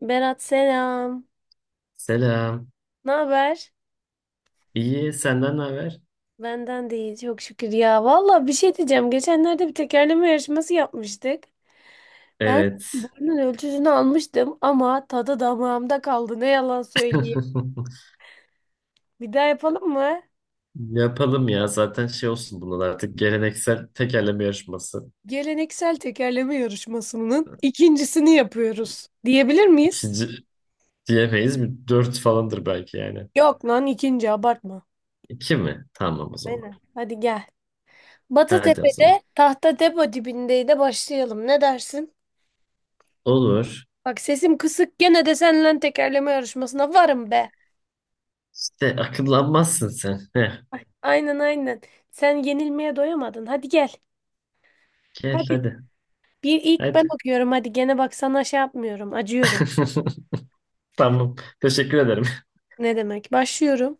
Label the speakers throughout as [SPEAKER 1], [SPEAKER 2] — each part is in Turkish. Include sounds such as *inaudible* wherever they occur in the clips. [SPEAKER 1] Berat selam.
[SPEAKER 2] Selam.
[SPEAKER 1] Ne haber?
[SPEAKER 2] İyi, senden ne haber?
[SPEAKER 1] Benden de iyi çok şükür ya. Valla bir şey diyeceğim. Geçenlerde bir tekerleme yarışması yapmıştık. Ben
[SPEAKER 2] Evet.
[SPEAKER 1] senin boyunun ölçüsünü almıştım ama tadı damağımda kaldı. Ne yalan söyleyeyim.
[SPEAKER 2] *laughs*
[SPEAKER 1] Bir daha yapalım mı?
[SPEAKER 2] Yapalım ya. Zaten şey olsun bunlar artık geleneksel tekerleme yarışması.
[SPEAKER 1] Geleneksel tekerleme yarışmasının ikincisini yapıyoruz. Diyebilir miyiz?
[SPEAKER 2] İkinci diyemeyiz. Bir dört falandır belki yani.
[SPEAKER 1] Yok lan ikinci abartma.
[SPEAKER 2] İki mi? Tamam o zaman.
[SPEAKER 1] Aynen. Hadi gel.
[SPEAKER 2] Hadi o zaman.
[SPEAKER 1] Batıtepe'de Tahta Depo dibindeydi başlayalım. Ne dersin?
[SPEAKER 2] Olur.
[SPEAKER 1] Bak sesim kısık gene de seninle tekerleme yarışmasına varım be.
[SPEAKER 2] İşte akıllanmazsın sen. Heh.
[SPEAKER 1] Ay, aynen aynen. Sen yenilmeye doyamadın. Hadi gel.
[SPEAKER 2] Gel
[SPEAKER 1] Hadi.
[SPEAKER 2] hadi.
[SPEAKER 1] Bir ilk ben
[SPEAKER 2] Hadi.
[SPEAKER 1] okuyorum. Hadi gene bak sana şey yapmıyorum. Acıyorum.
[SPEAKER 2] *laughs* Tamam. Teşekkür ederim.
[SPEAKER 1] Ne demek? Başlıyorum.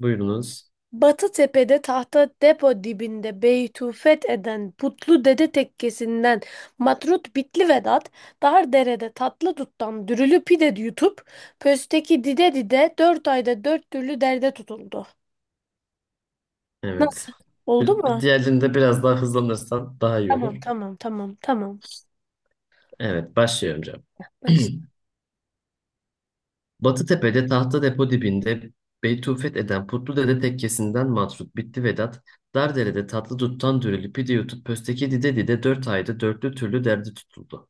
[SPEAKER 2] *laughs* Buyurunuz.
[SPEAKER 1] Batı tepede tahta depo dibinde beytufet eden putlu dede tekkesinden matrut bitli Vedat dar derede tatlı duttan dürülü pide yutup pösteki dide dide dört ayda dört türlü derde tutuldu.
[SPEAKER 2] Evet.
[SPEAKER 1] Nasıl? Oldu mu?
[SPEAKER 2] Diğerinde biraz daha hızlanırsan daha iyi olur.
[SPEAKER 1] Tamam tamam tamam tamam.
[SPEAKER 2] Evet, başlıyorum.
[SPEAKER 1] Başla.
[SPEAKER 2] Batıtepe'de tahta depo dibinde Beytufet eden Putlu Dede tekkesinden matrut bitti Vedat. Dardere'de tatlı duttan dürülü pide yutup pösteki dide dide dört ayda dörtlü türlü derdi tutuldu.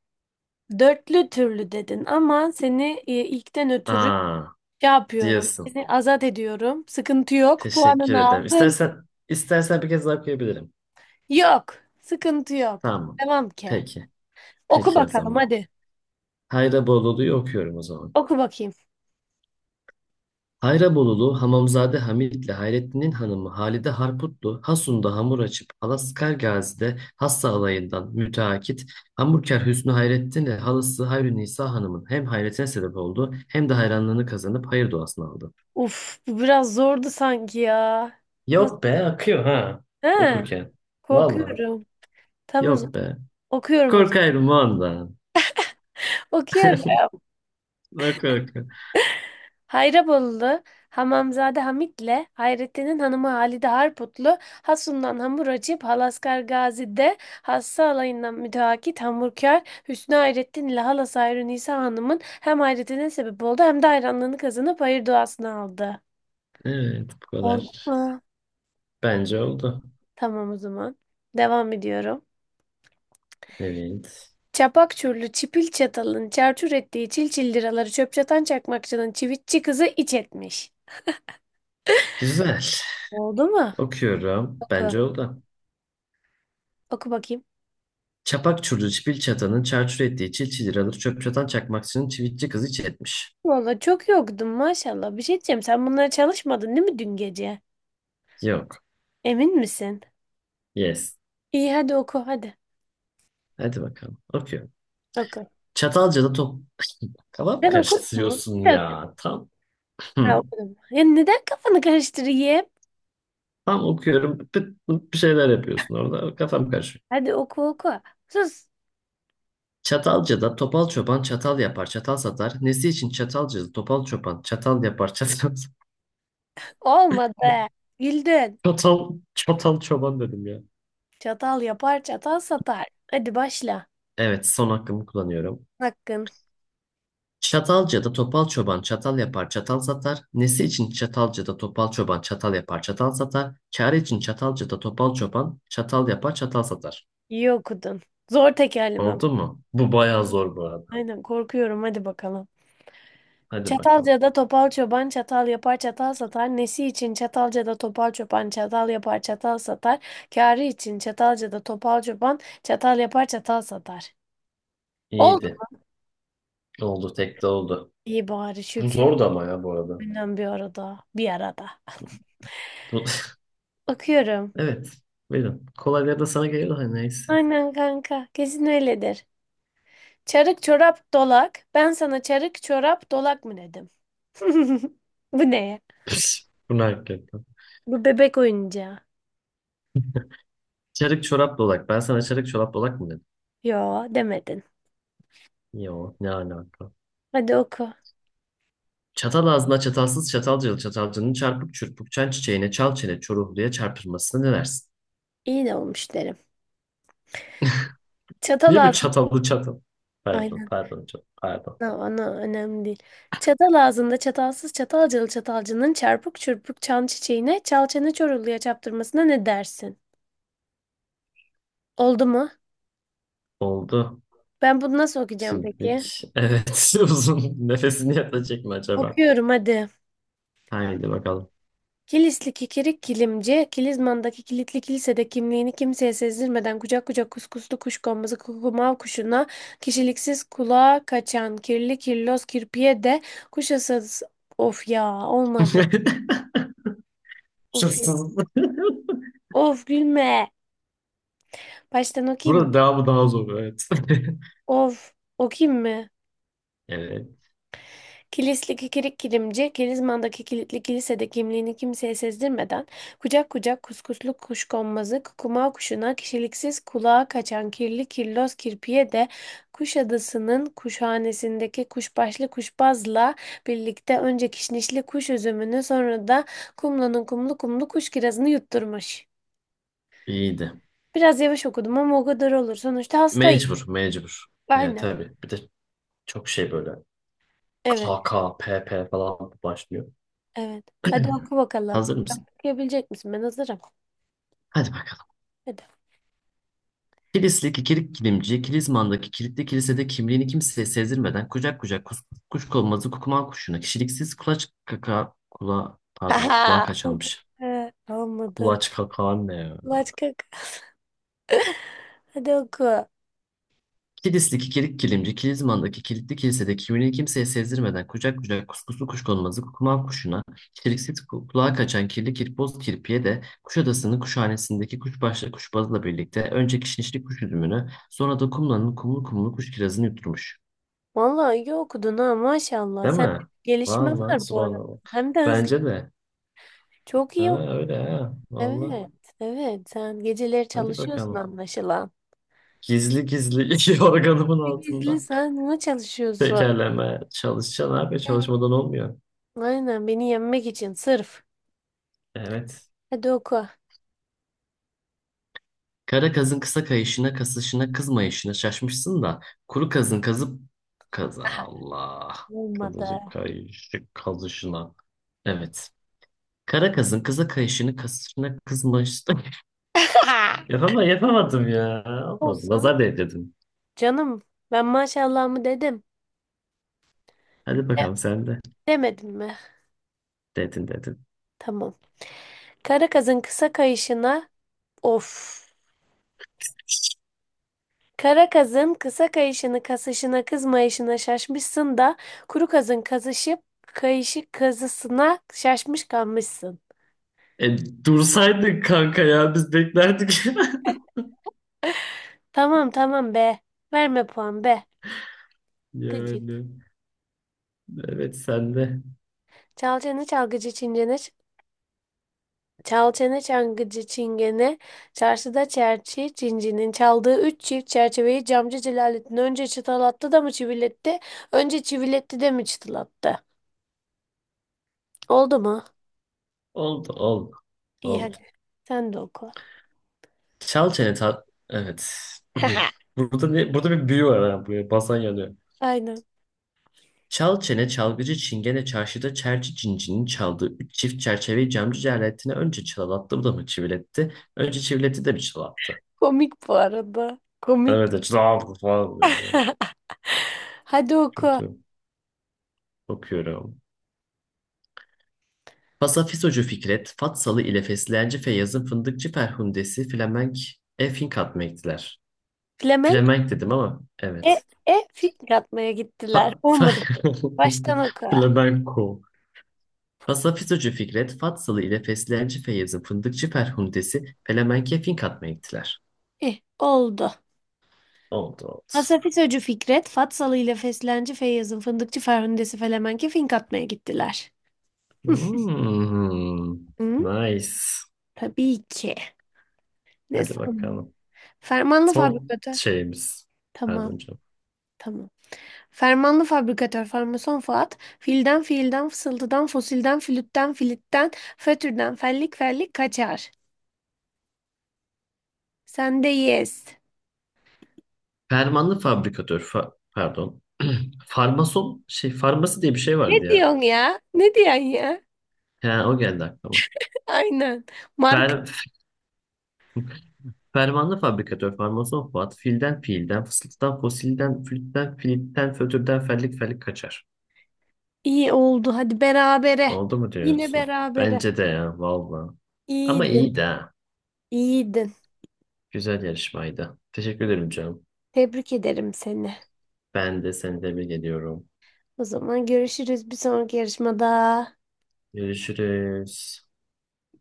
[SPEAKER 1] Dörtlü türlü dedin ama seni ilkten ötürü şey
[SPEAKER 2] Aa,
[SPEAKER 1] yapıyorum.
[SPEAKER 2] diyorsun.
[SPEAKER 1] Seni azat ediyorum. Sıkıntı yok.
[SPEAKER 2] Teşekkür
[SPEAKER 1] Puanını
[SPEAKER 2] ederim.
[SPEAKER 1] aldın.
[SPEAKER 2] İstersen bir kez daha okuyabilirim.
[SPEAKER 1] Yok. Sıkıntı yok.
[SPEAKER 2] Tamam.
[SPEAKER 1] Devam ki.
[SPEAKER 2] Peki.
[SPEAKER 1] Oku
[SPEAKER 2] Peki o
[SPEAKER 1] bakalım
[SPEAKER 2] zaman.
[SPEAKER 1] hadi.
[SPEAKER 2] Hayra Bolulu'yu okuyorum o zaman.
[SPEAKER 1] Oku bakayım.
[SPEAKER 2] Hayrabolulu Hamamzade Hamit'le Hayrettin'in hanımı Halide Harputlu, Hasun'da hamur açıp Alaskar Gazi'de hassa alayından müteakit hamburkar Hüsnü Hayrettin'le halası Hayrü Nisa Hanım'ın hem hayretine sebep oldu hem de hayranlığını kazanıp hayır duasını aldı.
[SPEAKER 1] Uf bu biraz zordu sanki ya. Nasıl?
[SPEAKER 2] Yok be, akıyor ha
[SPEAKER 1] He,
[SPEAKER 2] okurken. Valla
[SPEAKER 1] korkuyorum. Tamam o
[SPEAKER 2] yok
[SPEAKER 1] zaman.
[SPEAKER 2] be.
[SPEAKER 1] Okuyorum o zaman.
[SPEAKER 2] Korkarım ondan.
[SPEAKER 1] Okuyorum.
[SPEAKER 2] Bak bak.
[SPEAKER 1] Hayrabolulu, Hamamzade Hamit'le Hayrettin'in hanımı Halide Harputlu, Hasun'dan hamur açıp Halaskar Gazi'de hassa alayından müteakit hamurkar Hüsnü Hayrettin ile halası Hayru Nisa Hanım'ın hem hayretine sebep oldu hem de hayranlığını kazanıp hayır duasını aldı.
[SPEAKER 2] Evet, bu
[SPEAKER 1] Oldu
[SPEAKER 2] kadar.
[SPEAKER 1] mu?
[SPEAKER 2] Bence oldu.
[SPEAKER 1] Tamam o zaman. Devam ediyorum.
[SPEAKER 2] Evet.
[SPEAKER 1] Çapak çurlu çipil çatalın çarçur ettiği çil çil liraları çöp çatan çakmakçının çivitçi kızı iç etmiş.
[SPEAKER 2] Güzel.
[SPEAKER 1] Oldu mu?
[SPEAKER 2] Okuyorum.
[SPEAKER 1] Oku.
[SPEAKER 2] Bence oldu.
[SPEAKER 1] Oku bakayım.
[SPEAKER 2] Çapak çurdu çipil çatanın çarçur ettiği çil çil alır çöp çatan çakmakçının çivitçi kızı hiç etmiş.
[SPEAKER 1] Valla çok yoktum maşallah. Bir şey diyeceğim. Sen bunlara çalışmadın değil mi dün gece?
[SPEAKER 2] Yok.
[SPEAKER 1] Emin misin?
[SPEAKER 2] Yes.
[SPEAKER 1] İyi hadi oku hadi.
[SPEAKER 2] Hadi bakalım. Okuyorum.
[SPEAKER 1] Oku.
[SPEAKER 2] Çatalca'da top... *laughs* Kafam
[SPEAKER 1] Ben okudum mu?
[SPEAKER 2] karıştırıyorsun
[SPEAKER 1] Bir dakika.
[SPEAKER 2] ya. Tam. Hı.
[SPEAKER 1] Ha, okudum. Ya neden kafanı karıştırayım?
[SPEAKER 2] Tam okuyorum. Pıt pıt bir şeyler yapıyorsun orada. Kafam karışıyor.
[SPEAKER 1] Hadi oku oku. Sus.
[SPEAKER 2] Çatalca'da topal çoban çatal yapar çatal satar. Nesi için Çatalca'da topal çoban çatal yapar çatal satar.
[SPEAKER 1] Olmadı.
[SPEAKER 2] *laughs*
[SPEAKER 1] Güldün.
[SPEAKER 2] Çatal, çatal çoban dedim ya.
[SPEAKER 1] Çatal yapar çatal satar. Hadi başla.
[SPEAKER 2] Evet, son hakkımı kullanıyorum.
[SPEAKER 1] Hakkın.
[SPEAKER 2] Çatalca'da topal çoban çatal yapar çatal satar. Nesi için Çatalca'da topal çoban çatal yapar çatal satar. Çare için Çatalca'da topal çoban çatal yapar çatal satar.
[SPEAKER 1] İyi okudun. Zor tekerleme.
[SPEAKER 2] Oldu mu? Bu bayağı zor bu arada.
[SPEAKER 1] Aynen korkuyorum. Hadi bakalım.
[SPEAKER 2] Hadi bakalım.
[SPEAKER 1] Çatalca'da topal çoban çatal yapar çatal satar. Nesi için Çatalca'da topal çoban çatal yapar çatal satar. Kârı için Çatalca'da topal çoban çatal yapar çatal satar. Oldu
[SPEAKER 2] İyiydi.
[SPEAKER 1] mu?
[SPEAKER 2] Oldu, tek de oldu.
[SPEAKER 1] İyi bari
[SPEAKER 2] Bu
[SPEAKER 1] şükür.
[SPEAKER 2] zordu ama ya bu arada.
[SPEAKER 1] Aynen bir arada. Bir arada.
[SPEAKER 2] Bu... *laughs*
[SPEAKER 1] Bakıyorum.
[SPEAKER 2] Evet. Buyurun. Kolayları da sana geliyor da neyse.
[SPEAKER 1] Aynen kanka. Kesin öyledir. Çarık çorap dolak. Ben sana çarık çorap dolak mı dedim? *laughs* Bu ne ya?
[SPEAKER 2] *laughs* Bu ne hakikaten.
[SPEAKER 1] Bu bebek oyuncağı.
[SPEAKER 2] Çarık çorap dolak. Ben sana çarık çorap dolak mı dedim?
[SPEAKER 1] Yo demedin.
[SPEAKER 2] Yo, ne alaka.
[SPEAKER 1] Hadi oku.
[SPEAKER 2] Çatal ağzına çatalsız çatalcılı çatalcının çarpık çırpık çan çiçeğine çal çene çoruhluya çarpılmasına ne dersin?
[SPEAKER 1] İyi de olmuş derim. Çatal
[SPEAKER 2] Niye böyle
[SPEAKER 1] ağzı.
[SPEAKER 2] çatallı çatal? Pardon,
[SPEAKER 1] Aynen.
[SPEAKER 2] pardon, çok pardon.
[SPEAKER 1] Ana, ana önemli değil. Çatal ağzında çatalsız çatalcılı çatalcının çarpık çırpık çan çiçeğine çal çene çoruluya çaptırmasına ne dersin? Oldu mu?
[SPEAKER 2] Oldu.
[SPEAKER 1] Ben bunu nasıl okuyacağım peki?
[SPEAKER 2] Şimdilik. Evet, *laughs* uzun nefesini yatacak mı acaba?
[SPEAKER 1] Okuyorum hadi.
[SPEAKER 2] Haydi bakalım.
[SPEAKER 1] Kilisli kikirik kilimci, Kilizman'daki kilitli kilisede kimliğini kimseye sezdirmeden kucak kucak kuskuslu kuşkonmazı kukumav kuşuna, kişiliksiz kulağa kaçan kirli kirloz kirpiye de kuşasız... Of ya olmadı.
[SPEAKER 2] *laughs*
[SPEAKER 1] Of,
[SPEAKER 2] Şanssız.
[SPEAKER 1] of gülme. Baştan okuyayım mı?
[SPEAKER 2] Burada devamı daha zor, evet. *laughs*
[SPEAKER 1] Of, o kim mi?
[SPEAKER 2] Evet,
[SPEAKER 1] Kilisli kikirik kilimci, Kilizman'daki kilitli kilisede kimliğini kimseye sezdirmeden, kucak kucak kuskuslu kuşkonmazı, kukuma kuşuna, kişiliksiz kulağa kaçan kirli kirloz kirpiye de Kuşadası'nın kuşhanesindeki kuşbaşlı kuşbazla birlikte önce kişnişli kuş üzümünü sonra da kumlanın kumlu kumlu kuş kirazını yutturmuş.
[SPEAKER 2] iyiydi.
[SPEAKER 1] Biraz yavaş okudum ama o kadar olur. Sonuçta hastayım.
[SPEAKER 2] Mecbur, mecbur. Yani
[SPEAKER 1] Aynen.
[SPEAKER 2] tabii. Bir de çok şey böyle
[SPEAKER 1] Evet,
[SPEAKER 2] K K P P falan başlıyor.
[SPEAKER 1] evet. Hadi oku bakalım.
[SPEAKER 2] Hazır mısın?
[SPEAKER 1] Okuyabilecek misin? Ben hazırım.
[SPEAKER 2] Hadi bakalım.
[SPEAKER 1] Hadi.
[SPEAKER 2] Kilislik ikilik kilimci, Kilizman'daki kilitli kilisede kimliğini kimseye sezdirmeden kucak kucak kus, kuşkonmazı kukuman kuşuna kişiliksiz kulaç kaka kula, pardon, kulağa
[SPEAKER 1] *laughs* Haha.
[SPEAKER 2] kaçanmış.
[SPEAKER 1] Olmadı.
[SPEAKER 2] Kulaç kaka ne ya?
[SPEAKER 1] Başka. *laughs* Hadi oku.
[SPEAKER 2] Kilislik ikilik kilimci, Kilizman'daki kilitli kilisede kimliğini kimseye sezdirmeden kucak kucak kuskuslu kuşkonmazı kukuman kuşuna kişiliksiz kulağa kaçan kirli kirpoz kirpiye de Kuşadası'nın kuşhanesindeki kuşbaşlı kuşbazla birlikte önce kişnişli kuş üzümünü sonra da kumlanın kumlu kumlu kuş kirazını yutturmuş.
[SPEAKER 1] Vallahi iyi okudun ha maşallah.
[SPEAKER 2] Değil
[SPEAKER 1] Sen
[SPEAKER 2] mi?
[SPEAKER 1] gelişme
[SPEAKER 2] Vallahi
[SPEAKER 1] var bu arada.
[SPEAKER 2] subhanallah.
[SPEAKER 1] Hem de hızlı.
[SPEAKER 2] Bence de.
[SPEAKER 1] Çok
[SPEAKER 2] Ha,
[SPEAKER 1] iyi okudun.
[SPEAKER 2] öyle ha. Vallahi.
[SPEAKER 1] Evet. Evet. Sen geceleri
[SPEAKER 2] Hadi
[SPEAKER 1] çalışıyorsun
[SPEAKER 2] bakalım.
[SPEAKER 1] anlaşılan.
[SPEAKER 2] Gizli gizli *laughs* yorganımın
[SPEAKER 1] Bir Gizli
[SPEAKER 2] altında.
[SPEAKER 1] sen buna çalışıyorsun.
[SPEAKER 2] Tekerleme çalışacaksın abi.
[SPEAKER 1] Evet.
[SPEAKER 2] Çalışmadan olmuyor.
[SPEAKER 1] Aynen beni yenmek için sırf.
[SPEAKER 2] Evet.
[SPEAKER 1] Hadi oku.
[SPEAKER 2] Kara kazın kısa kayışına, kasışına, kızmayışına şaşmışsın da. Kuru kazın kazıp... kazı Allah.
[SPEAKER 1] Olmadı.
[SPEAKER 2] Kazıcıp kayışı, kazışına. Evet. Kara kazın kısa kayışını, kasışına, kızmayışına. *laughs*
[SPEAKER 1] *laughs*
[SPEAKER 2] Yapamadım ya. Olmadı.
[SPEAKER 1] Olsun.
[SPEAKER 2] Nazar değdirdim.
[SPEAKER 1] Canım ben maşallah mı dedim.
[SPEAKER 2] Hadi bakalım sen de.
[SPEAKER 1] Demedim mi?
[SPEAKER 2] Dedin dedin.
[SPEAKER 1] Tamam. Kara kızın kısa kayışına. Of. Kara kazın kısa kayışını kasışına kızmayışına şaşmışsın da kuru kazın kazışıp kayışı kazısına şaşmış kalmışsın.
[SPEAKER 2] E, dursaydın kanka ya, biz beklerdik. *laughs*
[SPEAKER 1] Tamam tamam be. Verme puan be. Gıcık.
[SPEAKER 2] Yani evet, sen de.
[SPEAKER 1] Çal çene çalgıcı çingene ç- Çal çene çalgıcı çingene çarşıda çerçi cincinin çaldığı üç çift çerçeveyi camcı Celalettin önce çıtalattı da mı çiviletti? Önce çiviletti de mi çıtalattı? Oldu mu?
[SPEAKER 2] Oldu oldu.
[SPEAKER 1] İyi
[SPEAKER 2] Oldu.
[SPEAKER 1] hadi sen de oku.
[SPEAKER 2] Çal çene tat. Evet.
[SPEAKER 1] *laughs*
[SPEAKER 2] *clears throat* Burada bir büyü var ha, buraya basan yanıyor.
[SPEAKER 1] Aynen.
[SPEAKER 2] Çal çene çalgıcı çingene çarşıda çerçi cincinin çaldığı üç çift çerçeveyi camcı cerretine önce çalalattı bu da mı çiviletti? Önce çiviletti de mi çalattı?
[SPEAKER 1] Komik bu arada. Komik.
[SPEAKER 2] Evet, çalattı falan böyle.
[SPEAKER 1] *laughs* Hadi oku.
[SPEAKER 2] Kötü. Okuyorum. Pasafisocu Fikret, Fatsalı ile Fesleğenci Feyyaz'ın Fındıkçı Ferhundesi Flemenk Finkat mı?
[SPEAKER 1] Flemenk
[SPEAKER 2] Flemenk dedim ama
[SPEAKER 1] e,
[SPEAKER 2] evet.
[SPEAKER 1] fil atmaya
[SPEAKER 2] Fa
[SPEAKER 1] gittiler.
[SPEAKER 2] fa
[SPEAKER 1] Olmadı. Baştan oku.
[SPEAKER 2] *laughs* Flamenco. Pasafisocu Fikret, Fatsalı ile Fesleğenci Feyyaz'ın Fındıkçı Ferhundesi Flemenk'e Finkat mı?
[SPEAKER 1] Eh, oldu.
[SPEAKER 2] Oldu oldu.
[SPEAKER 1] Hasafisocu Fikret, Fatsalı ile Feslenci Feyyaz'ın fındıkçı Ferhundesi Felemenk'e fink atmaya gittiler.
[SPEAKER 2] Hmm,
[SPEAKER 1] Hı?
[SPEAKER 2] nice.
[SPEAKER 1] Tabii ki. Ne
[SPEAKER 2] Hadi
[SPEAKER 1] sandın?
[SPEAKER 2] bakalım.
[SPEAKER 1] Fermanlı
[SPEAKER 2] Son
[SPEAKER 1] fabrikatör.
[SPEAKER 2] şeyimiz. Pardon
[SPEAKER 1] Tamam.
[SPEAKER 2] canım.
[SPEAKER 1] Tamam. Fermanlı fabrikatör farmason Fuat, filden fiilden fısıltıdan fosilden flütten filitten fötürden fellik fellik kaçar. Sen de yes.
[SPEAKER 2] Fermanlı fabrikatör pardon. *clears throat* Farmason şey, farması diye bir şey
[SPEAKER 1] Ne
[SPEAKER 2] vardı ya.
[SPEAKER 1] diyorsun ya? Ne diyorsun ya?
[SPEAKER 2] He, o geldi aklıma.
[SPEAKER 1] *laughs* Aynen. Mark
[SPEAKER 2] Fer, fermanlı fabrikatör, farmason Fuat, filden fiilden, fısıltıdan fosilden, flütten, filitten, fötürden, fellik fellik kaçar.
[SPEAKER 1] iyi oldu. Hadi berabere.
[SPEAKER 2] Oldu mu
[SPEAKER 1] Yine
[SPEAKER 2] diyorsun?
[SPEAKER 1] berabere.
[SPEAKER 2] Bence de ya, valla. Ama
[SPEAKER 1] İyiydin.
[SPEAKER 2] iyiydi ha.
[SPEAKER 1] İyiydin.
[SPEAKER 2] Güzel yarışmaydı. Teşekkür ederim canım.
[SPEAKER 1] Tebrik ederim seni.
[SPEAKER 2] Ben de seni tebrik ediyorum.
[SPEAKER 1] O zaman görüşürüz bir sonraki yarışmada.
[SPEAKER 2] Görüşürüz.